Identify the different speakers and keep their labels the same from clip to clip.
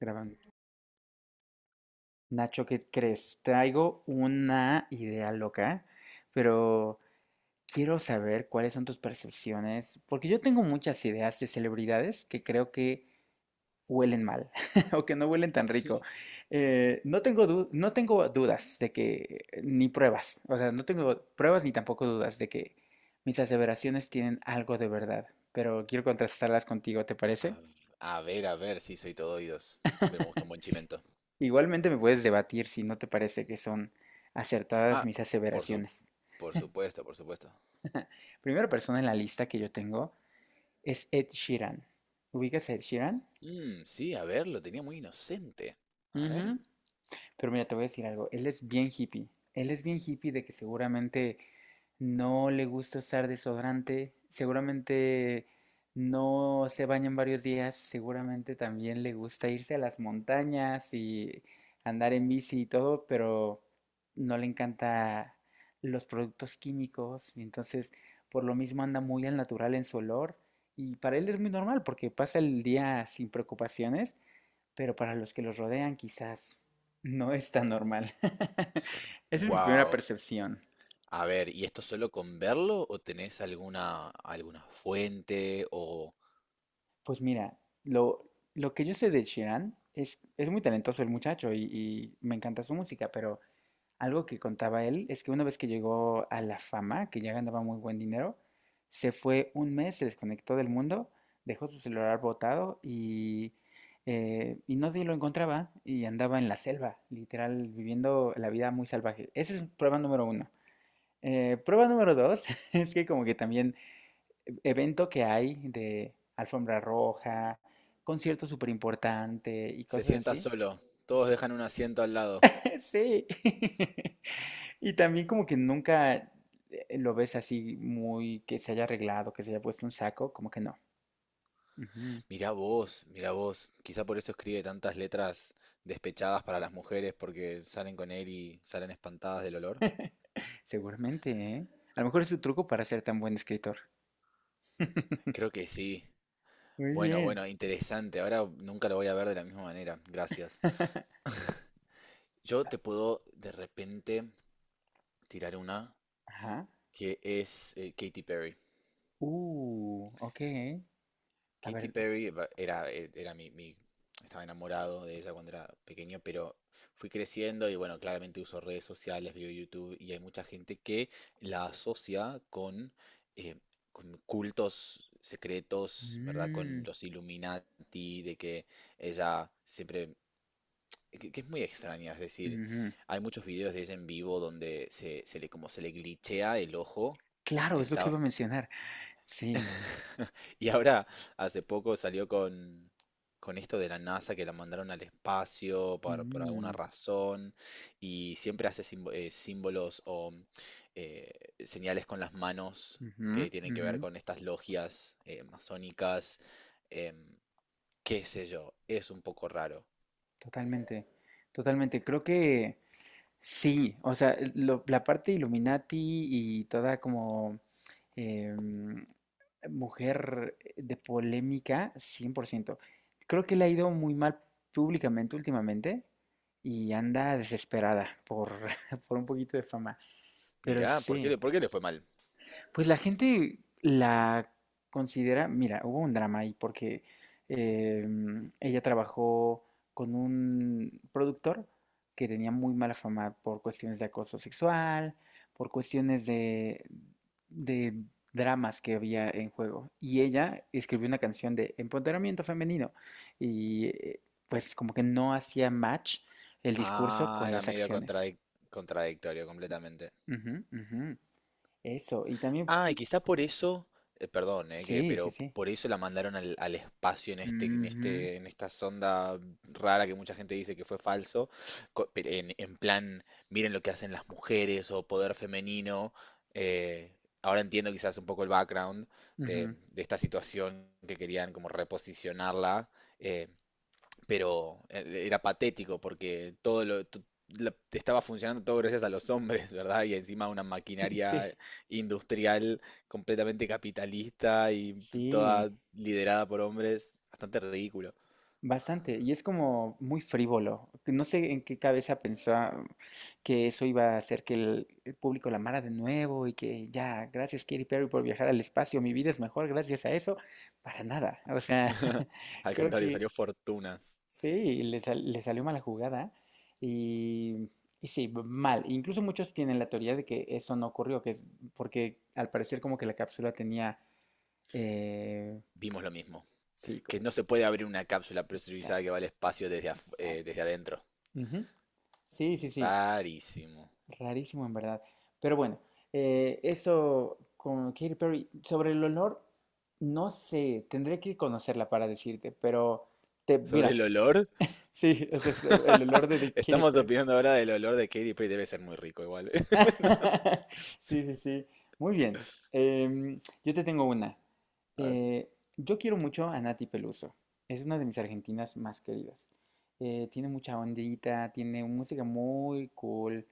Speaker 1: Grabando. Nacho, ¿qué crees? Traigo una idea loca, pero quiero saber cuáles son tus percepciones, porque yo tengo muchas ideas de celebridades que creo que huelen mal o que no huelen tan rico. No tengo no tengo dudas de que, ni pruebas, o sea, no tengo pruebas ni tampoco dudas de que mis aseveraciones tienen algo de verdad, pero quiero contrastarlas contigo, ¿te parece?
Speaker 2: A, a ver, sí, soy todo oídos. Siempre me gusta un buen chimento.
Speaker 1: Igualmente me puedes debatir si no te parece que son acertadas
Speaker 2: Ah,
Speaker 1: mis
Speaker 2: por su,
Speaker 1: aseveraciones.
Speaker 2: por supuesto, por supuesto.
Speaker 1: Primera persona en la lista que yo tengo es Ed Sheeran. ¿Ubicas a Ed Sheeran?
Speaker 2: Mm, sí, a ver, lo tenía muy inocente. A ver.
Speaker 1: Ujú. Pero mira, te voy a decir algo, él es bien hippie. Él es bien hippie de que seguramente no le gusta usar desodorante, seguramente no se baña en varios días, seguramente también le gusta irse a las montañas y andar en bici y todo, pero no le encanta los productos químicos y entonces por lo mismo anda muy al natural en su olor y para él es muy normal porque pasa el día sin preocupaciones, pero para los que los rodean quizás no es tan normal. Esa es mi primera
Speaker 2: Wow.
Speaker 1: percepción.
Speaker 2: A ver, ¿y esto solo con verlo o tenés alguna fuente o
Speaker 1: Pues mira, lo que yo sé de Sheeran es muy talentoso el muchacho y me encanta su música, pero algo que contaba él es que una vez que llegó a la fama, que ya ganaba muy buen dinero, se fue un mes, se desconectó del mundo, dejó su celular botado y nadie lo encontraba y andaba en la selva, literal, viviendo la vida muy salvaje. Esa es prueba número 1. Prueba número 2 es que como que también evento que hay de alfombra roja, concierto súper importante y
Speaker 2: se
Speaker 1: cosas
Speaker 2: sienta
Speaker 1: así.
Speaker 2: solo? Todos dejan un asiento al lado.
Speaker 1: Sí. Y también como que nunca lo ves así muy que se haya arreglado, que se haya puesto un saco, como que no. Ujú.
Speaker 2: Mirá vos, mirá vos. Quizá por eso escribe tantas letras despechadas para las mujeres porque salen con él y salen espantadas del olor.
Speaker 1: Seguramente, ¿eh? A lo mejor es su truco para ser tan buen escritor.
Speaker 2: Creo que sí.
Speaker 1: Muy
Speaker 2: Bueno,
Speaker 1: bien.
Speaker 2: bueno, interesante. Ahora nunca lo voy a ver de la misma manera. Gracias. Yo te puedo de repente tirar una
Speaker 1: Ajá.
Speaker 2: que es Katy Perry.
Speaker 1: Ok. A
Speaker 2: Katy
Speaker 1: ver.
Speaker 2: Perry va- era, eh, era mi, mi- Estaba enamorado de ella cuando era pequeño, pero fui creciendo y bueno, claramente uso redes sociales, veo YouTube y hay mucha gente que la asocia eh, con cultos secretos, ¿verdad? Con
Speaker 1: Mm,
Speaker 2: los Illuminati, de que ella que es muy extraña, es decir,
Speaker 1: ujú.
Speaker 2: hay muchos videos de ella en vivo donde se le como se le glitchea el ojo.
Speaker 1: Claro, es lo que
Speaker 2: Está,
Speaker 1: iba a mencionar. Sí.
Speaker 2: y ahora hace poco salió con esto de la NASA que la mandaron al espacio por alguna
Speaker 1: Mm.
Speaker 2: razón y siempre hace símbolos o eh, señales con las manos
Speaker 1: Ujú,
Speaker 2: que tienen que ver
Speaker 1: ujú.
Speaker 2: con estas logias masónicas, em, qué sé yo, es un poco raro.
Speaker 1: Totalmente, totalmente. Creo que sí, o sea, la parte Illuminati y toda como em, mujer de polémica, 100%. Creo que le ha ido muy mal públicamente últimamente y anda desesperada por, por un poquito de fama, pero
Speaker 2: Mirá, ¿por qué
Speaker 1: sí.
Speaker 2: por qué le fue mal?
Speaker 1: Pues la gente la considera, mira, hubo un drama ahí porque ella trabajó con un productor que tenía muy mala fama por cuestiones de acoso sexual, por cuestiones de dramas que había en juego. Y ella escribió una canción de empoderamiento femenino y pues como que no hacía match el discurso
Speaker 2: Ah,
Speaker 1: con
Speaker 2: era
Speaker 1: las acciones.
Speaker 2: contradictorio completamente.
Speaker 1: Ujú, ujú. Eso, y también,
Speaker 2: Ah, y quizá por eso, perdón, que,
Speaker 1: sí, sí,
Speaker 2: pero p-
Speaker 1: sí.
Speaker 2: Por eso la mandaron al espacio
Speaker 1: Ujú,
Speaker 2: en esta sonda rara que mucha gente dice que fue falso, pero en plan, miren lo que hacen las mujeres o poder femenino. eh, Ahora entiendo quizás un poco el background
Speaker 1: ujú.
Speaker 2: de esta situación que querían como reposicionarla. eh, Era patético porque todo lo, to- la- estaba funcionando todo gracias a los hombres, ¿verdad? Y encima una maquinaria
Speaker 1: Sí,
Speaker 2: industrial completamente capitalista y
Speaker 1: sí,
Speaker 2: toda liderada por hombres, bastante ridículo.
Speaker 1: bastante. Y es como muy frívolo. No sé en qué cabeza pensó que eso iba a hacer que el público la amara de nuevo y que ya, gracias Katy Perry por viajar al espacio, mi vida es mejor gracias a eso. Para nada. O sea,
Speaker 2: Al
Speaker 1: creo
Speaker 2: contrario,
Speaker 1: que
Speaker 2: salió Fortunas.
Speaker 1: sí, le salió mala jugada y, y sí, mal. Incluso muchos tienen la teoría de que esto no ocurrió, que es porque al parecer como que la cápsula tenía... eh,
Speaker 2: Vimos lo mismo.
Speaker 1: Sí,
Speaker 2: Que
Speaker 1: como,
Speaker 2: no se puede abrir una cápsula presurizada que
Speaker 1: exacto,
Speaker 2: va al espacio desde
Speaker 1: exacto.
Speaker 2: adentro.
Speaker 1: Ujú. Sí, sí, sí,
Speaker 2: Rarísimo.
Speaker 1: rarísimo en verdad. Pero bueno, eso con Katy Perry. Sobre el olor, no sé, tendré que conocerla para decirte, pero
Speaker 2: Sobre
Speaker 1: mira,
Speaker 2: el olor,
Speaker 1: sí, ese es el olor de Katy
Speaker 2: estamos
Speaker 1: Perry.
Speaker 2: opinando ahora del olor de Katy Perry. Debe ser muy rico igual.
Speaker 1: Sí, sí, sí. Muy bien. Em, yo te tengo una.
Speaker 2: A ver.
Speaker 1: Eh, yo quiero mucho a Nati Peluso. Es una de mis argentinas más queridas. Tiene mucha ondita, tiene música muy cool.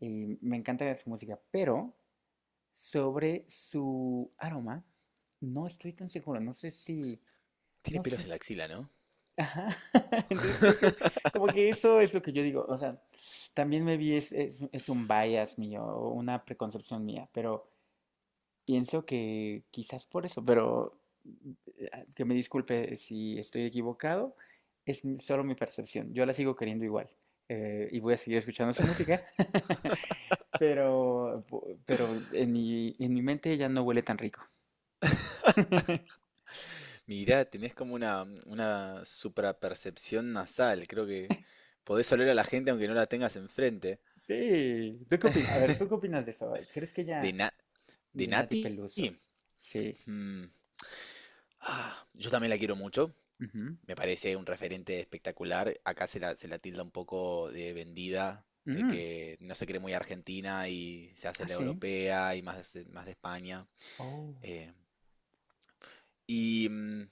Speaker 1: Me encanta su música, pero sobre su aroma no estoy tan seguro. No sé si,
Speaker 2: Tiene
Speaker 1: no sé,
Speaker 2: pelos en la axila, ¿no?
Speaker 1: Ajá. Entonces creo que como que eso es lo que yo digo. O sea, también me vi es un bias mío, o una preconcepción mía, pero pienso que quizás por eso, pero que me disculpe si estoy equivocado, es solo mi percepción. Yo la sigo queriendo igual y voy a seguir escuchando su música, pero, pero en mi mente ya no huele tan rico.
Speaker 2: Mirá, tenés como una suprapercepción nasal. Creo que podés oler a la gente aunque no la tengas enfrente.
Speaker 1: Sí, ¿tú qué opinas? A ver, ¿tú qué opinas de eso? ¿Crees que
Speaker 2: De,
Speaker 1: ya?
Speaker 2: na de
Speaker 1: De Nati
Speaker 2: Nati.
Speaker 1: Peluso. Sí.
Speaker 2: Mm, ah, yo también la quiero mucho.
Speaker 1: Ujú.
Speaker 2: Me parece un referente espectacular. Acá se se la tilda un poco de vendida, de
Speaker 1: Mm.
Speaker 2: que no se cree muy argentina y se hace
Speaker 1: Ah,
Speaker 2: la
Speaker 1: sí.
Speaker 2: europea y más, más de España.
Speaker 1: Oh.
Speaker 2: Eh, y mm,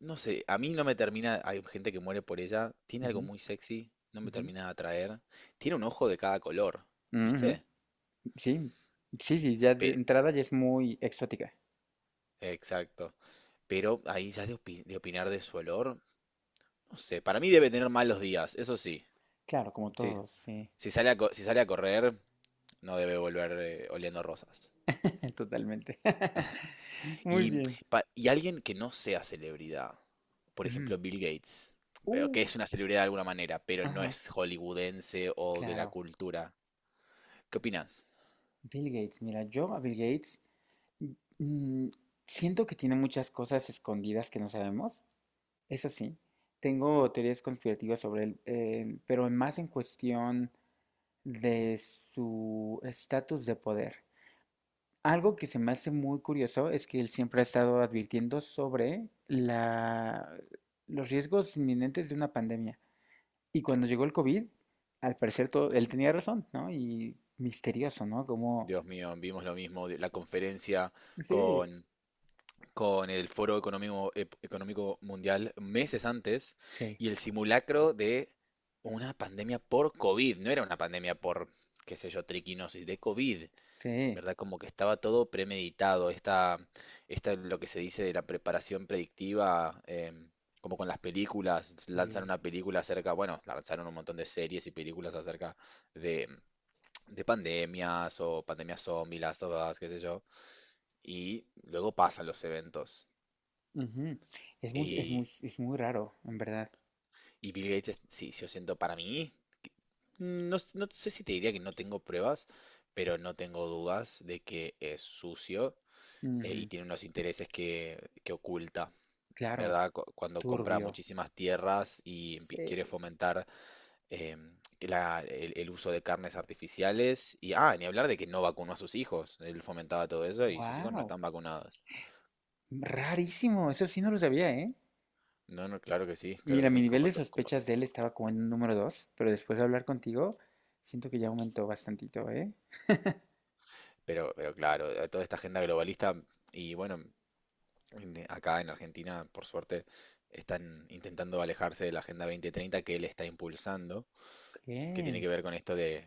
Speaker 2: No sé, a mí no me termina, hay gente que muere por ella, tiene algo
Speaker 1: Ujú,
Speaker 2: muy sexy, no me
Speaker 1: ujú,
Speaker 2: termina de atraer, tiene un ojo de cada color,
Speaker 1: ujú.
Speaker 2: ¿viste?
Speaker 1: Sí. Sí, sí, ya de
Speaker 2: Pe-
Speaker 1: entrada ya es muy exótica.
Speaker 2: exacto, pero ahí ya de opinar de su olor, no sé, para mí debe tener malos días, eso sí,
Speaker 1: Claro, como
Speaker 2: sí,
Speaker 1: todos, sí.
Speaker 2: si sale si sale a correr, no debe volver oliendo rosas.
Speaker 1: Totalmente. Muy
Speaker 2: Y,
Speaker 1: bien.
Speaker 2: y alguien que no sea celebridad, por
Speaker 1: Ujú.
Speaker 2: ejemplo Bill Gates, veo que
Speaker 1: Uh,
Speaker 2: es una celebridad de alguna manera, pero no
Speaker 1: ajá,
Speaker 2: es hollywoodense o de la
Speaker 1: claro.
Speaker 2: cultura, ¿qué opinas?
Speaker 1: Bill Gates, mira, yo a Bill Gates mm, siento que tiene muchas cosas escondidas que no sabemos. Eso sí, tengo teorías conspirativas sobre él, pero más en cuestión de su estatus de poder. Algo que se me hace muy curioso es que él siempre ha estado advirtiendo sobre los riesgos inminentes de una pandemia. Y cuando llegó el COVID, al parecer todo, él tenía razón, ¿no? Y misterioso, ¿no? Como.
Speaker 2: Dios mío, vimos lo mismo, de la conferencia
Speaker 1: Sí,
Speaker 2: con, con el Foro Económico, Económico Mundial meses antes
Speaker 1: sí,
Speaker 2: y el simulacro de una pandemia por COVID, no era una pandemia por, qué sé yo, triquinosis, de COVID,
Speaker 1: sí,
Speaker 2: ¿verdad? Como que estaba todo premeditado, esta lo que se dice de la preparación predictiva, em, como con las películas, lanzan
Speaker 1: sí.
Speaker 2: una película acerca, bueno, lanzaron un montón de series y películas acerca de de pandemias o pandemias zombie, Last of Us, qué sé yo. Y luego pasan los eventos.
Speaker 1: Ujú. Es muy, es muy,
Speaker 2: Y,
Speaker 1: es muy raro, en verdad.
Speaker 2: y Bill Gates, es- sí, yo siento para mí, no sé si te diría que no tengo pruebas, pero no tengo dudas de que es sucio y
Speaker 1: Ujú,
Speaker 2: tiene unos intereses que oculta,
Speaker 1: claro,
Speaker 2: ¿verdad? Cuando compra
Speaker 1: turbio.
Speaker 2: muchísimas tierras y quiere
Speaker 1: Sí.
Speaker 2: fomentar em, que el uso de carnes artificiales. Y, ah, ni hablar de que no vacunó a sus hijos. Él fomentaba todo eso y sus hijos no
Speaker 1: Wow,
Speaker 2: están vacunados.
Speaker 1: rarísimo, eso sí no lo sabía, ¿eh?
Speaker 2: No, no, claro
Speaker 1: Mira,
Speaker 2: que
Speaker 1: mi
Speaker 2: sí,
Speaker 1: nivel de sospechas de él estaba como en un número 2, pero después de hablar contigo, siento que ya aumentó bastantito, ¿eh?
Speaker 2: pero claro, toda esta agenda globalista y bueno, acá en Argentina, por suerte, están intentando alejarse de la Agenda 2030 que él está impulsando,
Speaker 1: Ok.
Speaker 2: que tiene que ver con esto de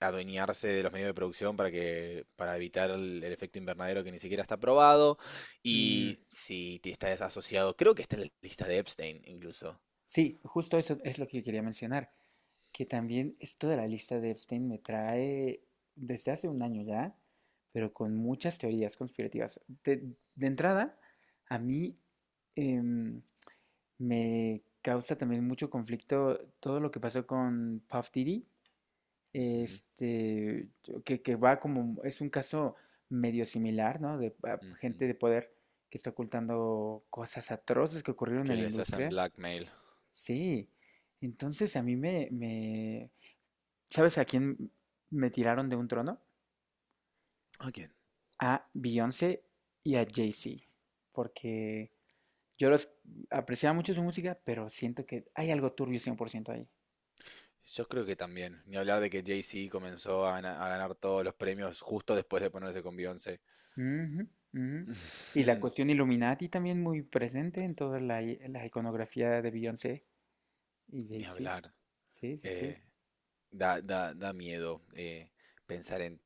Speaker 2: adueñarse de los medios de producción para que, para evitar el efecto invernadero que ni siquiera está probado
Speaker 1: Mm,
Speaker 2: y si te estás asociado, creo que está en la lista de Epstein incluso.
Speaker 1: sí, justo eso es lo que yo quería mencionar, que también esto de la lista de Epstein me trae desde hace un año ya, pero con muchas teorías conspirativas. De entrada, a mí em, me causa también mucho conflicto todo lo que pasó con Puff Diddy
Speaker 2: Ujú,
Speaker 1: este, que, va como, es un caso medio similar, ¿no? De
Speaker 2: ujú.
Speaker 1: gente de poder que está ocultando cosas atroces que ocurrieron en
Speaker 2: Que
Speaker 1: la
Speaker 2: les hacen
Speaker 1: industria.
Speaker 2: blackmail.
Speaker 1: Sí. Entonces a mí, ¿sabes a quién me tiraron de un trono?
Speaker 2: Ok.
Speaker 1: A Beyoncé y a Jay-Z, porque yo los apreciaba mucho su música, pero siento que hay algo turbio 100% ahí.
Speaker 2: Yo creo que también. Ni hablar de que Jay-Z comenzó a, a ganar todos los premios justo después de ponerse con Beyoncé.
Speaker 1: Ujú, ujú. Y la
Speaker 2: Mm.
Speaker 1: cuestión Illuminati también muy presente en toda la iconografía de Beyoncé y
Speaker 2: Ni
Speaker 1: Jay-Z.
Speaker 2: hablar.
Speaker 1: Sí, sí, sí.
Speaker 2: Eh, da da miedo pensar en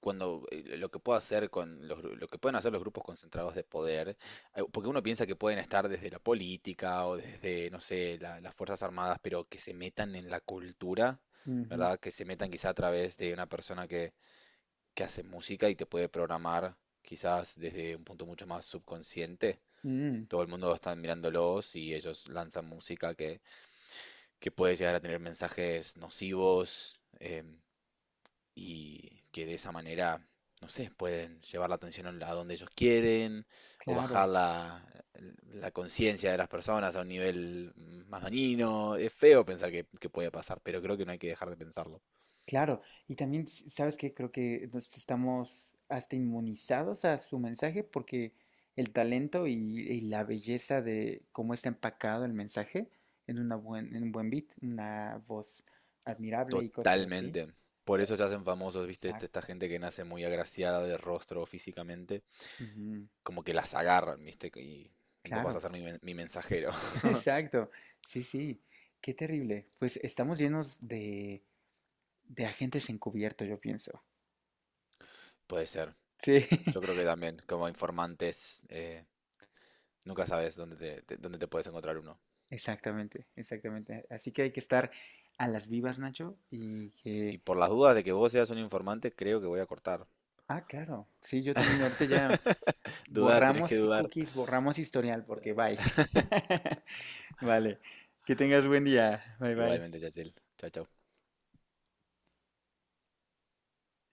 Speaker 2: cuando lo que puedo hacer con los, gru- lo que pueden hacer los grupos concentrados de poder, porque uno piensa que pueden estar desde la política o desde, no sé, las Fuerzas Armadas, pero que se metan en la cultura,
Speaker 1: Ujú.
Speaker 2: ¿verdad? Que se metan quizá a través de una persona que hace música y te puede programar quizás desde un punto mucho más subconsciente.
Speaker 1: Mm,
Speaker 2: Todo el mundo está mirándolos y ellos lanzan música que puede llegar a tener mensajes nocivos em, y que de esa manera, no sé, pueden llevar la atención a donde ellos quieren o bajar
Speaker 1: claro,
Speaker 2: la conciencia de las personas a un nivel más dañino. Es feo pensar que puede pasar, pero creo que no hay que dejar de pensarlo.
Speaker 1: claro. Y también, ¿sabes qué? Creo que nos estamos hasta inmunizados a su mensaje porque el talento y la belleza de cómo está empacado el mensaje en un buen beat, una voz admirable y cosas así.
Speaker 2: Totalmente. Por eso se hacen famosos, ¿viste? Esta
Speaker 1: Exacto.
Speaker 2: gente que nace muy agraciada de rostro físicamente,
Speaker 1: Ujú,
Speaker 2: como que las agarran, ¿viste? Y vos vas a
Speaker 1: claro.
Speaker 2: ser mi mensajero.
Speaker 1: Exacto. Sí, sí. Qué terrible. Pues estamos llenos de agentes encubiertos, yo pienso.
Speaker 2: Puede ser.
Speaker 1: Sí,
Speaker 2: Yo creo que también, como informantes, nunca sabes dónde te puedes encontrar uno.
Speaker 1: exactamente, exactamente. Así que hay que estar a las vivas, Nacho, y
Speaker 2: Y
Speaker 1: que.
Speaker 2: por las dudas de que vos seas un informante, creo que voy a cortar.
Speaker 1: Ah, claro. Sí, yo también. Ahorita ya
Speaker 2: Dudá, tenés
Speaker 1: borramos
Speaker 2: que
Speaker 1: sí
Speaker 2: dudar.
Speaker 1: cookies, borramos historial, porque bye. Vale. Que tengas buen día. Bye, bye.
Speaker 2: Igualmente, Yachel. Chao, chao.